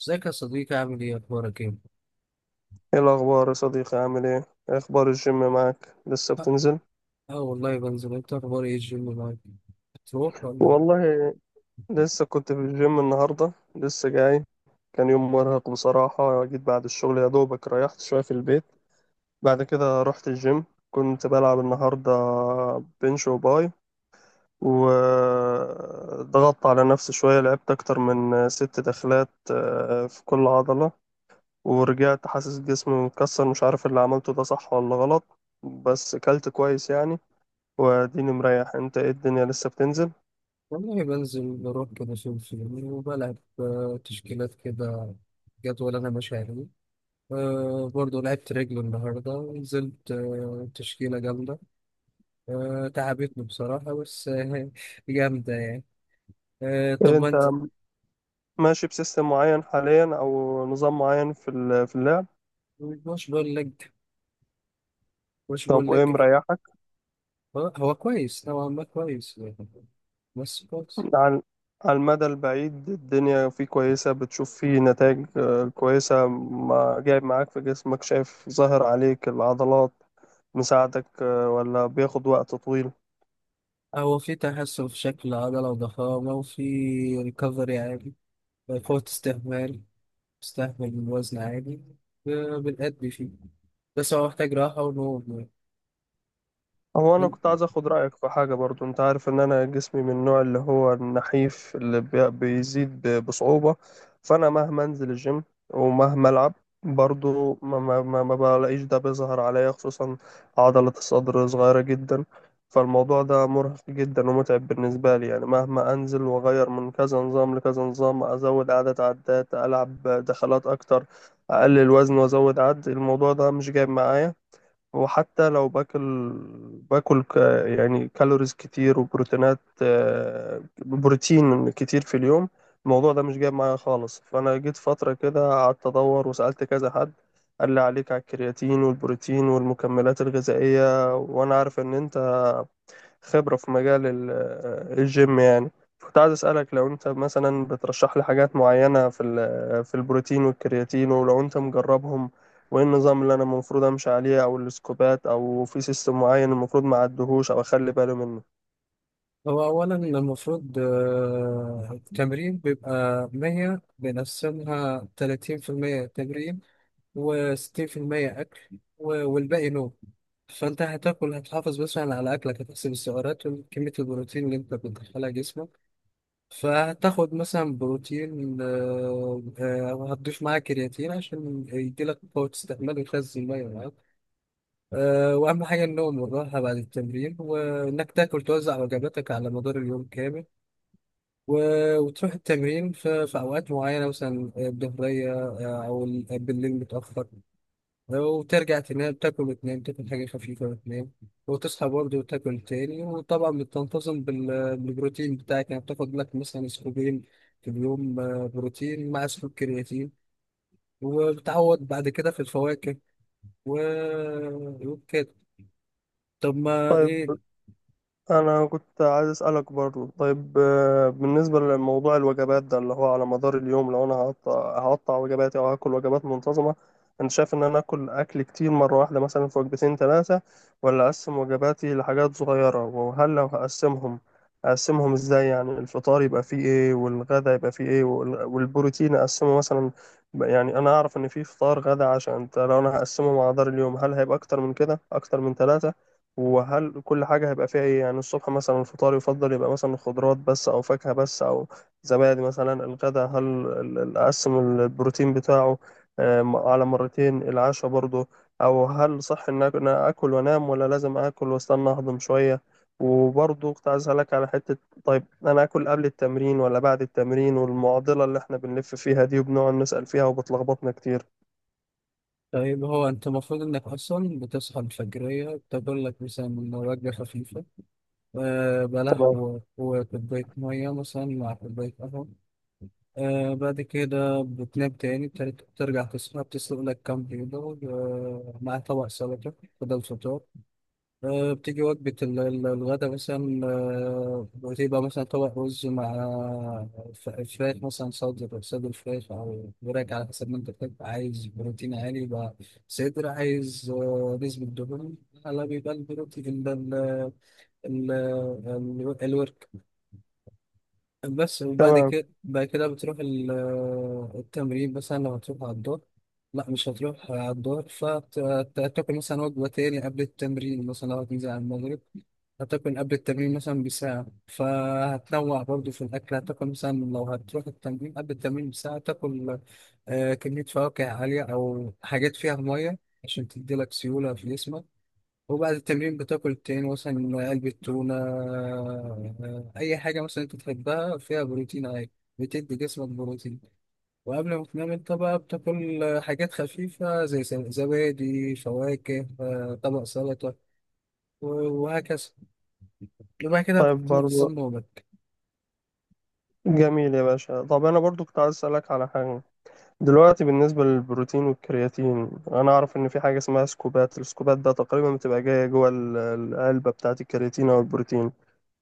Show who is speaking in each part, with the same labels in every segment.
Speaker 1: ازيك يا صديقي، عامل ايه، اخبارك ايه؟
Speaker 2: ايه الاخبار يا صديقي عامل ايه؟ إيه اخبار الجيم معاك، لسه
Speaker 1: اه.
Speaker 2: بتنزل؟
Speaker 1: آه والله بنزل. انت اخبار ايه الجيم معاك؟ بتروح ولا ايه؟
Speaker 2: والله لسه كنت في الجيم النهارده، لسه جاي. كان يوم مرهق بصراحه، جيت بعد الشغل يا دوبك ريحت شويه في البيت، بعد كده رحت الجيم. كنت بلعب النهارده بنش وباي، وضغطت على نفسي شويه، لعبت اكتر من ست دخلات في كل عضله. ورجعت حاسس جسمي مكسر، مش عارف اللي عملته ده صح ولا غلط، بس كلت كويس يعني. واديني مريح. انت ايه الدنيا، لسه بتنزل؟
Speaker 1: والله بنزل، بروح كده فين فين وبلعب، تشكيلات كده. جدول انا ماشي عليه. برضه لعبت رجل النهارده ونزلت تشكيلة جامدة. تعبتني بصراحة بس جامدة يعني.
Speaker 2: إيه
Speaker 1: طب ما
Speaker 2: انت
Speaker 1: انت،
Speaker 2: ماشي بسيستم معين حاليا او نظام معين في اللعب؟
Speaker 1: مش بقول لك، مش
Speaker 2: طب
Speaker 1: بقول
Speaker 2: وايه
Speaker 1: لك.
Speaker 2: مريحك؟
Speaker 1: هو هو كويس نوعا ما، كويس، بس كويس.
Speaker 2: على على المدى البعيد الدنيا فيه كويسة، بتشوف فيه نتائج كويسة؟ ما جايب معاك في جسمك؟ شايف ظاهر عليك العضلات، مساعدك ولا بياخد وقت طويل؟
Speaker 1: هو في تحسن في شكل العضلة وضخامة، وفي ريكفري عادي. فوت استهمال استهمل الوزن عادي. بنأدي فيه، بس هو محتاج راحة ونوم
Speaker 2: هو انا
Speaker 1: يعني.
Speaker 2: كنت عايز اخد رايك في حاجه برضو. انت عارف ان انا جسمي من النوع اللي هو النحيف، اللي بيزيد بصعوبه، فانا مهما انزل الجيم ومهما العب برضو ما بلاقيش ده بيظهر عليا، خصوصا عضله الصدر صغيره جدا. فالموضوع ده مرهق جدا ومتعب بالنسبه لي، يعني مهما انزل واغير من كذا نظام لكذا نظام، ازود عدد عدات، العب دخلات اكتر، اقلل وزن وازود عد، الموضوع ده مش جايب معايا. وحتى لو باكل، باكل يعني كالوريز كتير وبروتينات، بروتين كتير في اليوم، الموضوع ده مش جايب معايا خالص. فأنا جيت فترة كده قعدت أدور وسألت كذا حد، قال لي عليك على الكرياتين والبروتين والمكملات الغذائية. وأنا عارف إن أنت خبرة في مجال الجيم يعني، كنت عايز أسألك لو أنت مثلا بترشح لي حاجات معينة في في البروتين والكرياتين، ولو أنت مجربهم، وإيه النظام اللي أنا المفروض أمشي عليه، أو السكوبات، أو في سيستم معين المفروض ما أعدهوش أو أخلي بالي منه.
Speaker 1: هو أولا المفروض، التمرين بيبقى 100، بنقسمها 30% تمرين، و60% أكل، و- والباقي نوم. فأنت هتاكل، هتحافظ مثلا على أكلك، هتحسب السعرات وكمية البروتين اللي أنت بتدخلها جسمك. فهتاخد مثلا بروتين، هتضيف معاه كرياتين عشان يديلك قوة استحمال ويخزن المية معاك. وأهم حاجة النوم والراحة بعد التمرين، وإنك تاكل، توزع وجباتك على مدار اليوم كامل. و- وتروح التمرين في أوقات معينة، مثلا الظهرية، أو بالليل متأخر، وترجع تنام. تاكل وتنام، تاكل حاجة خفيفة وتنام، وتصحى برضه وتاكل تاني. وطبعا بتنتظم بال- بالبروتين بتاعك، يعني بتاخد لك مثلا سكوبين في اليوم، بروتين مع سكوب كرياتين، وبتعوض بعد كده في الفواكه و... وكده. طب ما
Speaker 2: طيب
Speaker 1: ايه؟
Speaker 2: انا كنت عايز اسالك برضو، طيب بالنسبه لموضوع الوجبات ده اللي هو على مدار اليوم، لو انا هقطع وجباتي او هاكل وجبات منتظمه، انت شايف ان انا اكل اكل كتير مره واحده مثلا في وجبتين ثلاثه، ولا اقسم وجباتي لحاجات صغيره؟ وهل لو هقسمهم، اقسمهم ازاي؟ يعني الفطار يبقى فيه ايه، والغدا يبقى فيه ايه، والبروتين اقسمه مثلا. يعني انا اعرف ان في فطار غدا عشاء، انت لو انا هقسمه على مدار اليوم، هل هيبقى اكتر من كده، اكتر من ثلاثه؟ وهل كل حاجة هيبقى فيها ايه؟ يعني الصبح مثلا الفطار يفضل يبقى مثلا خضروات بس او فاكهة بس او زبادي مثلا. الغداء هل اقسم البروتين بتاعه على مرتين؟ العشاء برضه، او هل صح ان إن أنا اكل وانام، ولا لازم اكل واستنى اهضم شوية؟ وبرضه كنت عايز اسالك على حتة، طيب انا اكل قبل التمرين ولا بعد التمرين؟ والمعضلة اللي احنا بنلف فيها دي وبنقعد نسأل فيها وبتلخبطنا كتير.
Speaker 1: طيب هو انت المفروض انك اصلا بتصحى الفجرية تاكل لك مثلا وجبة خفيفة، بلح
Speaker 2: تمام.
Speaker 1: و- وكوباية مية مثلا مع كوباية قهوة. بعد كده بتنام تاني، بترجع تصحى، بتسلق لك كام بيضة مع طبق سلطة بدل فطار. بتيجي وجبة الغدا، مثلا بتبقى مثلا طبق رز مع فراخ، مثلا صدر فراخ أو وراك على حسب ما أنت بتحب. عايز بروتين عالي يبقى صدر، عايز نسبة دهون على، بيبقى البروتين ده الورك بس. وبعد
Speaker 2: تمام.
Speaker 1: كده بعد كده بتروح التمرين، مثلا لو هتروح على الدور. لا، مش هتروح على الدور، فتاكل مثلا وجبة تاني قبل التمرين، مثلا لو هتنزل على المغرب هتاكل قبل التمرين مثلا بساعة. فهتنوع برضو في الأكل. هتاكل مثلا، لو هتروح التمرين قبل التمرين بساعة تاكل كمية فواكه عالية أو حاجات فيها مية، عشان تديلك سيولة في جسمك. وبعد التمرين بتاكل تاني، مثلا علبة تونة، أي حاجة مثلا أنت تحبها فيها بروتين عادي، بتدي جسمك بروتين. وقبل ما تنام أنت بقى بتاكل حاجات خفيفة، زي زبادي فواكه، طبق سلطة و- وهكذا. يبقى كده
Speaker 2: طيب
Speaker 1: بتنظم
Speaker 2: برضه
Speaker 1: نومك.
Speaker 2: جميل يا باشا. طب انا برضو كنت عايز اسالك على حاجه. دلوقتي بالنسبه للبروتين والكرياتين، انا اعرف ان في حاجه اسمها سكوبات، السكوبات ده تقريبا بتبقى جايه جوه العلبه بتاعه الكرياتين او البروتين،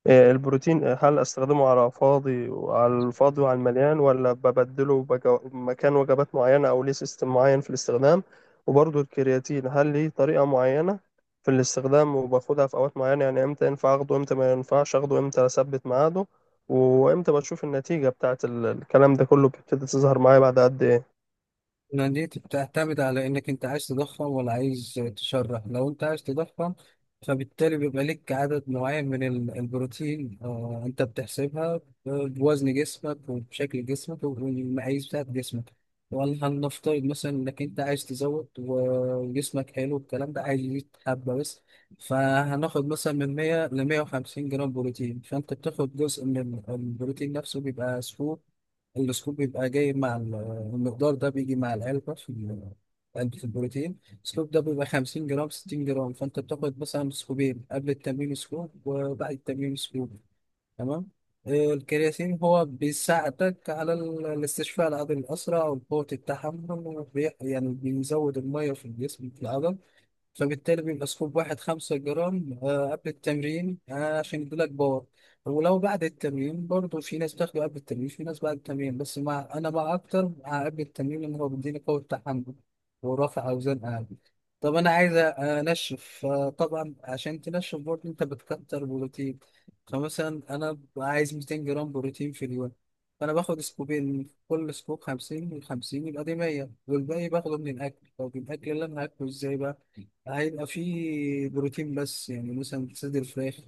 Speaker 2: البروتين، هل استخدمه على فاضي وعلى الفاضي وعلى المليان، ولا ببدله مكان وجبات معينة، او ليه سيستم معين في الاستخدام؟ وبرضه الكرياتين، هل ليه طريقة معينة في الاستخدام، وباخدها في اوقات معينة؟ يعني امتى ينفع اخده، امتى ما ينفعش اخده، امتى اثبت ميعاده، وامتى بشوف النتيجة بتاعت الكلام ده كله بتبتدي تظهر معايا بعد قد ايه؟
Speaker 1: إن دي بتعتمد على انك انت عايز تضخم ولا عايز تشرح. لو انت عايز تضخم فبالتالي بيبقى لك عدد معين من البروتين، انت بتحسبها بوزن جسمك وبشكل جسمك والمقاييس بتاعت جسمك. ولا هنفترض مثلا انك انت عايز تزود وجسمك حلو الكلام ده، عايز يزيد حبة بس، فهناخد مثلا من 100 ل 150 جرام بروتين. فانت بتاخد جزء من البروتين نفسه بيبقى سكوب. السكوب بيبقى جاي مع المقدار ده، بيجي مع العلبة في علبة البروتين. السكوب ده بيبقى 50 جرام، 60 جرام. فأنت بتاخد مثلا سكوبين قبل التمرين، سكوب وبعد التمرين سكوب. تمام. الكرياتين هو بيساعدك على الاستشفاء العضلي الأسرع والقوة التحمل، وبي- يعني بيزود المية في الجسم في العضل. فبالتالي بيبقى سكوب واحد 5 جرام قبل التمرين، عشان يديلك باور. ولو بعد التمرين برضه في ناس بتاخده قبل التمرين، في ناس بعد التمرين، بس مع أنا مع أكتر مع قبل التمرين، لأن هو بيديني قوة تحمل ورفع أوزان أعلى. طب أنا عايز أنشف. طبعا عشان تنشف برضه أنت بتكتر بروتين. فمثلا أنا ببقى عايز 200 جرام بروتين في اليوم. فأنا باخد سكوبين، كل سكوب 50، من 50 يبقى دي 100، والباقي باخده من الأكل. طب الأكل اللي أنا هاكله إزاي بقى؟ هيبقى فيه بروتين بس، يعني مثلا صدر فراخ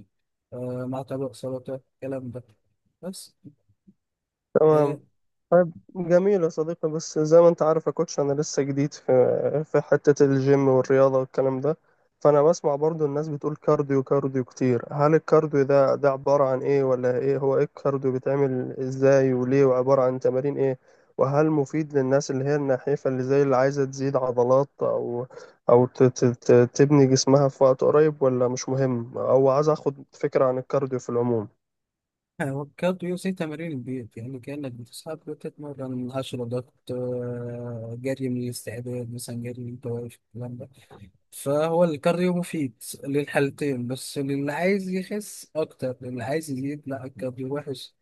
Speaker 1: مع طبق سلطة الكلام ده بس.
Speaker 2: تمام.
Speaker 1: آه
Speaker 2: طيب جميل يا صديقي، بس زي ما انت عارف يا كوتش، انا لسه جديد في حتة الجيم والرياضة والكلام ده. فانا بسمع برضو الناس بتقول كارديو كارديو كتير، هل الكارديو ده عبارة عن ايه، ولا ايه؟ هو ايه الكارديو، بيتعمل ازاي وليه، وعبارة عن تمارين ايه؟ وهل مفيد للناس اللي هي النحيفة اللي زي اللي عايزة تزيد عضلات او او تبني جسمها في وقت قريب، ولا مش مهم؟ او عايز اخد فكرة عن الكارديو في العموم.
Speaker 1: وكالوري زي تمارين البيت، يعني كأنك بتصحى بتتمرن 10 ضغط، جري من الاستعداد مثلا، جري من التوافق الكلام ده. فهو الكارديو مفيد للحالتين، بس للي عايز يخس أكتر، للي عايز يزيد لا، الكارديو وحش.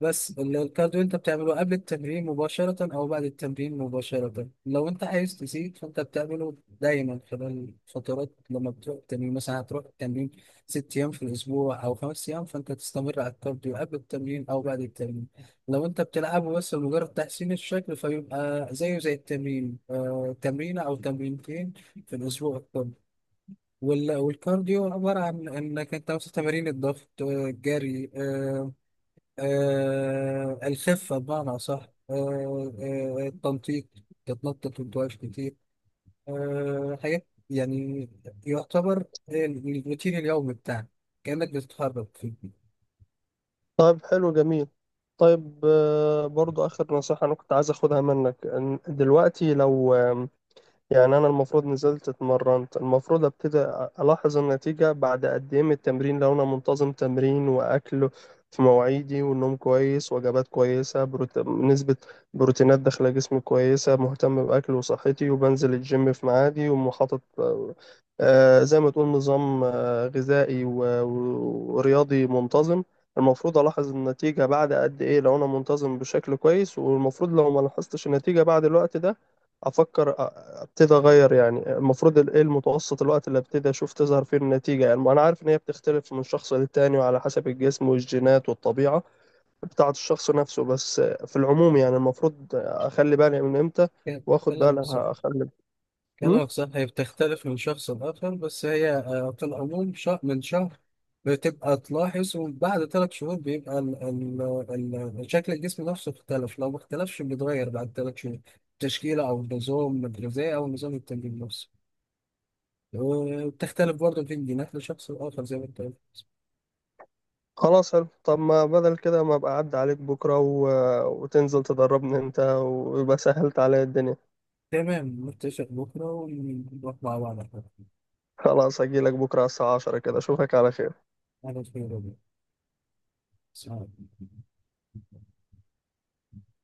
Speaker 1: بس الكارديو انت بتعمله قبل التمرين مباشرة او بعد التمرين مباشرة. لو انت عايز تزيد فانت بتعمله دايما خلال فترات، لما بتروح التمرين مثلا، هتروح التمرين 6 ايام في الاسبوع او 5 ايام، فانت تستمر على الكارديو قبل التمرين او بعد التمرين. لو انت بتلعبه بس لمجرد تحسين الشكل، فيبقى زيه زي التمرين، تمرينة او تمرينتين في الاسبوع الكل. وال- والكارديو عبارة عن انك انت مثلا تمارين الضغط، الجري، الخفة بمعنى أصح، التنطيط، تتنطط وتواش كتير، حاجات يعني. يعتبر الروتين اليومي بتاعك كأنك بتتحرك فيه.
Speaker 2: طيب حلو، جميل. طيب برضو آخر نصيحة أنا كنت عايز أخدها منك، إن دلوقتي لو يعني أنا المفروض نزلت اتمرنت، المفروض أبتدي ألاحظ النتيجة بعد قد إيه من التمرين، لو أنا منتظم تمرين وأكل في مواعيدي، والنوم كويس، وجبات كويسة، نسبة بروتينات داخلة جسمي كويسة، مهتم بأكل وصحتي، وبنزل الجيم في ميعادي، ومحاطط زي ما تقول نظام غذائي ورياضي منتظم. المفروض ألاحظ النتيجة بعد قد إيه لو أنا منتظم بشكل كويس؟ والمفروض لو ما لاحظتش النتيجة بعد الوقت ده أفكر ابتدي اغير. يعني المفروض ال- ايه المتوسط الوقت اللي ابتدي اشوف تظهر فيه النتيجه؟ يعني ما انا عارف ان هي بتختلف من شخص للتاني، وعلى حسب الجسم والجينات والطبيعه بتاعه الشخص نفسه، بس في العموم يعني المفروض اخلي بالي من امتى واخد
Speaker 1: كلامك
Speaker 2: بالي
Speaker 1: صح،
Speaker 2: اخلي. امم
Speaker 1: كلامك صح. هي بتختلف من شخص لآخر، بس هي في العموم شهر من شهر بتبقى تلاحظ، وبعد 3 شهور بيبقى ال شكل الجسم نفسه اختلف. لو ما اختلفش بيتغير بعد 3 شهور تشكيلة أو النظام الغذائي أو نظام التمرين نفسه. وبتختلف برضه في الجينات لشخص لآخر زي ما أنت قلت.
Speaker 2: خلاص، حلو. طب ما بدل كده ما ابقى اعدي عليك بكره وتنزل تدربني انت، ويبقى سهلت عليا الدنيا.
Speaker 1: تمام، نتفق بكرة ونروح مع بعض على القهوة.
Speaker 2: خلاص هجيلك بكره على الساعه 10 كده، اشوفك على خير.
Speaker 1: على خير يا رب.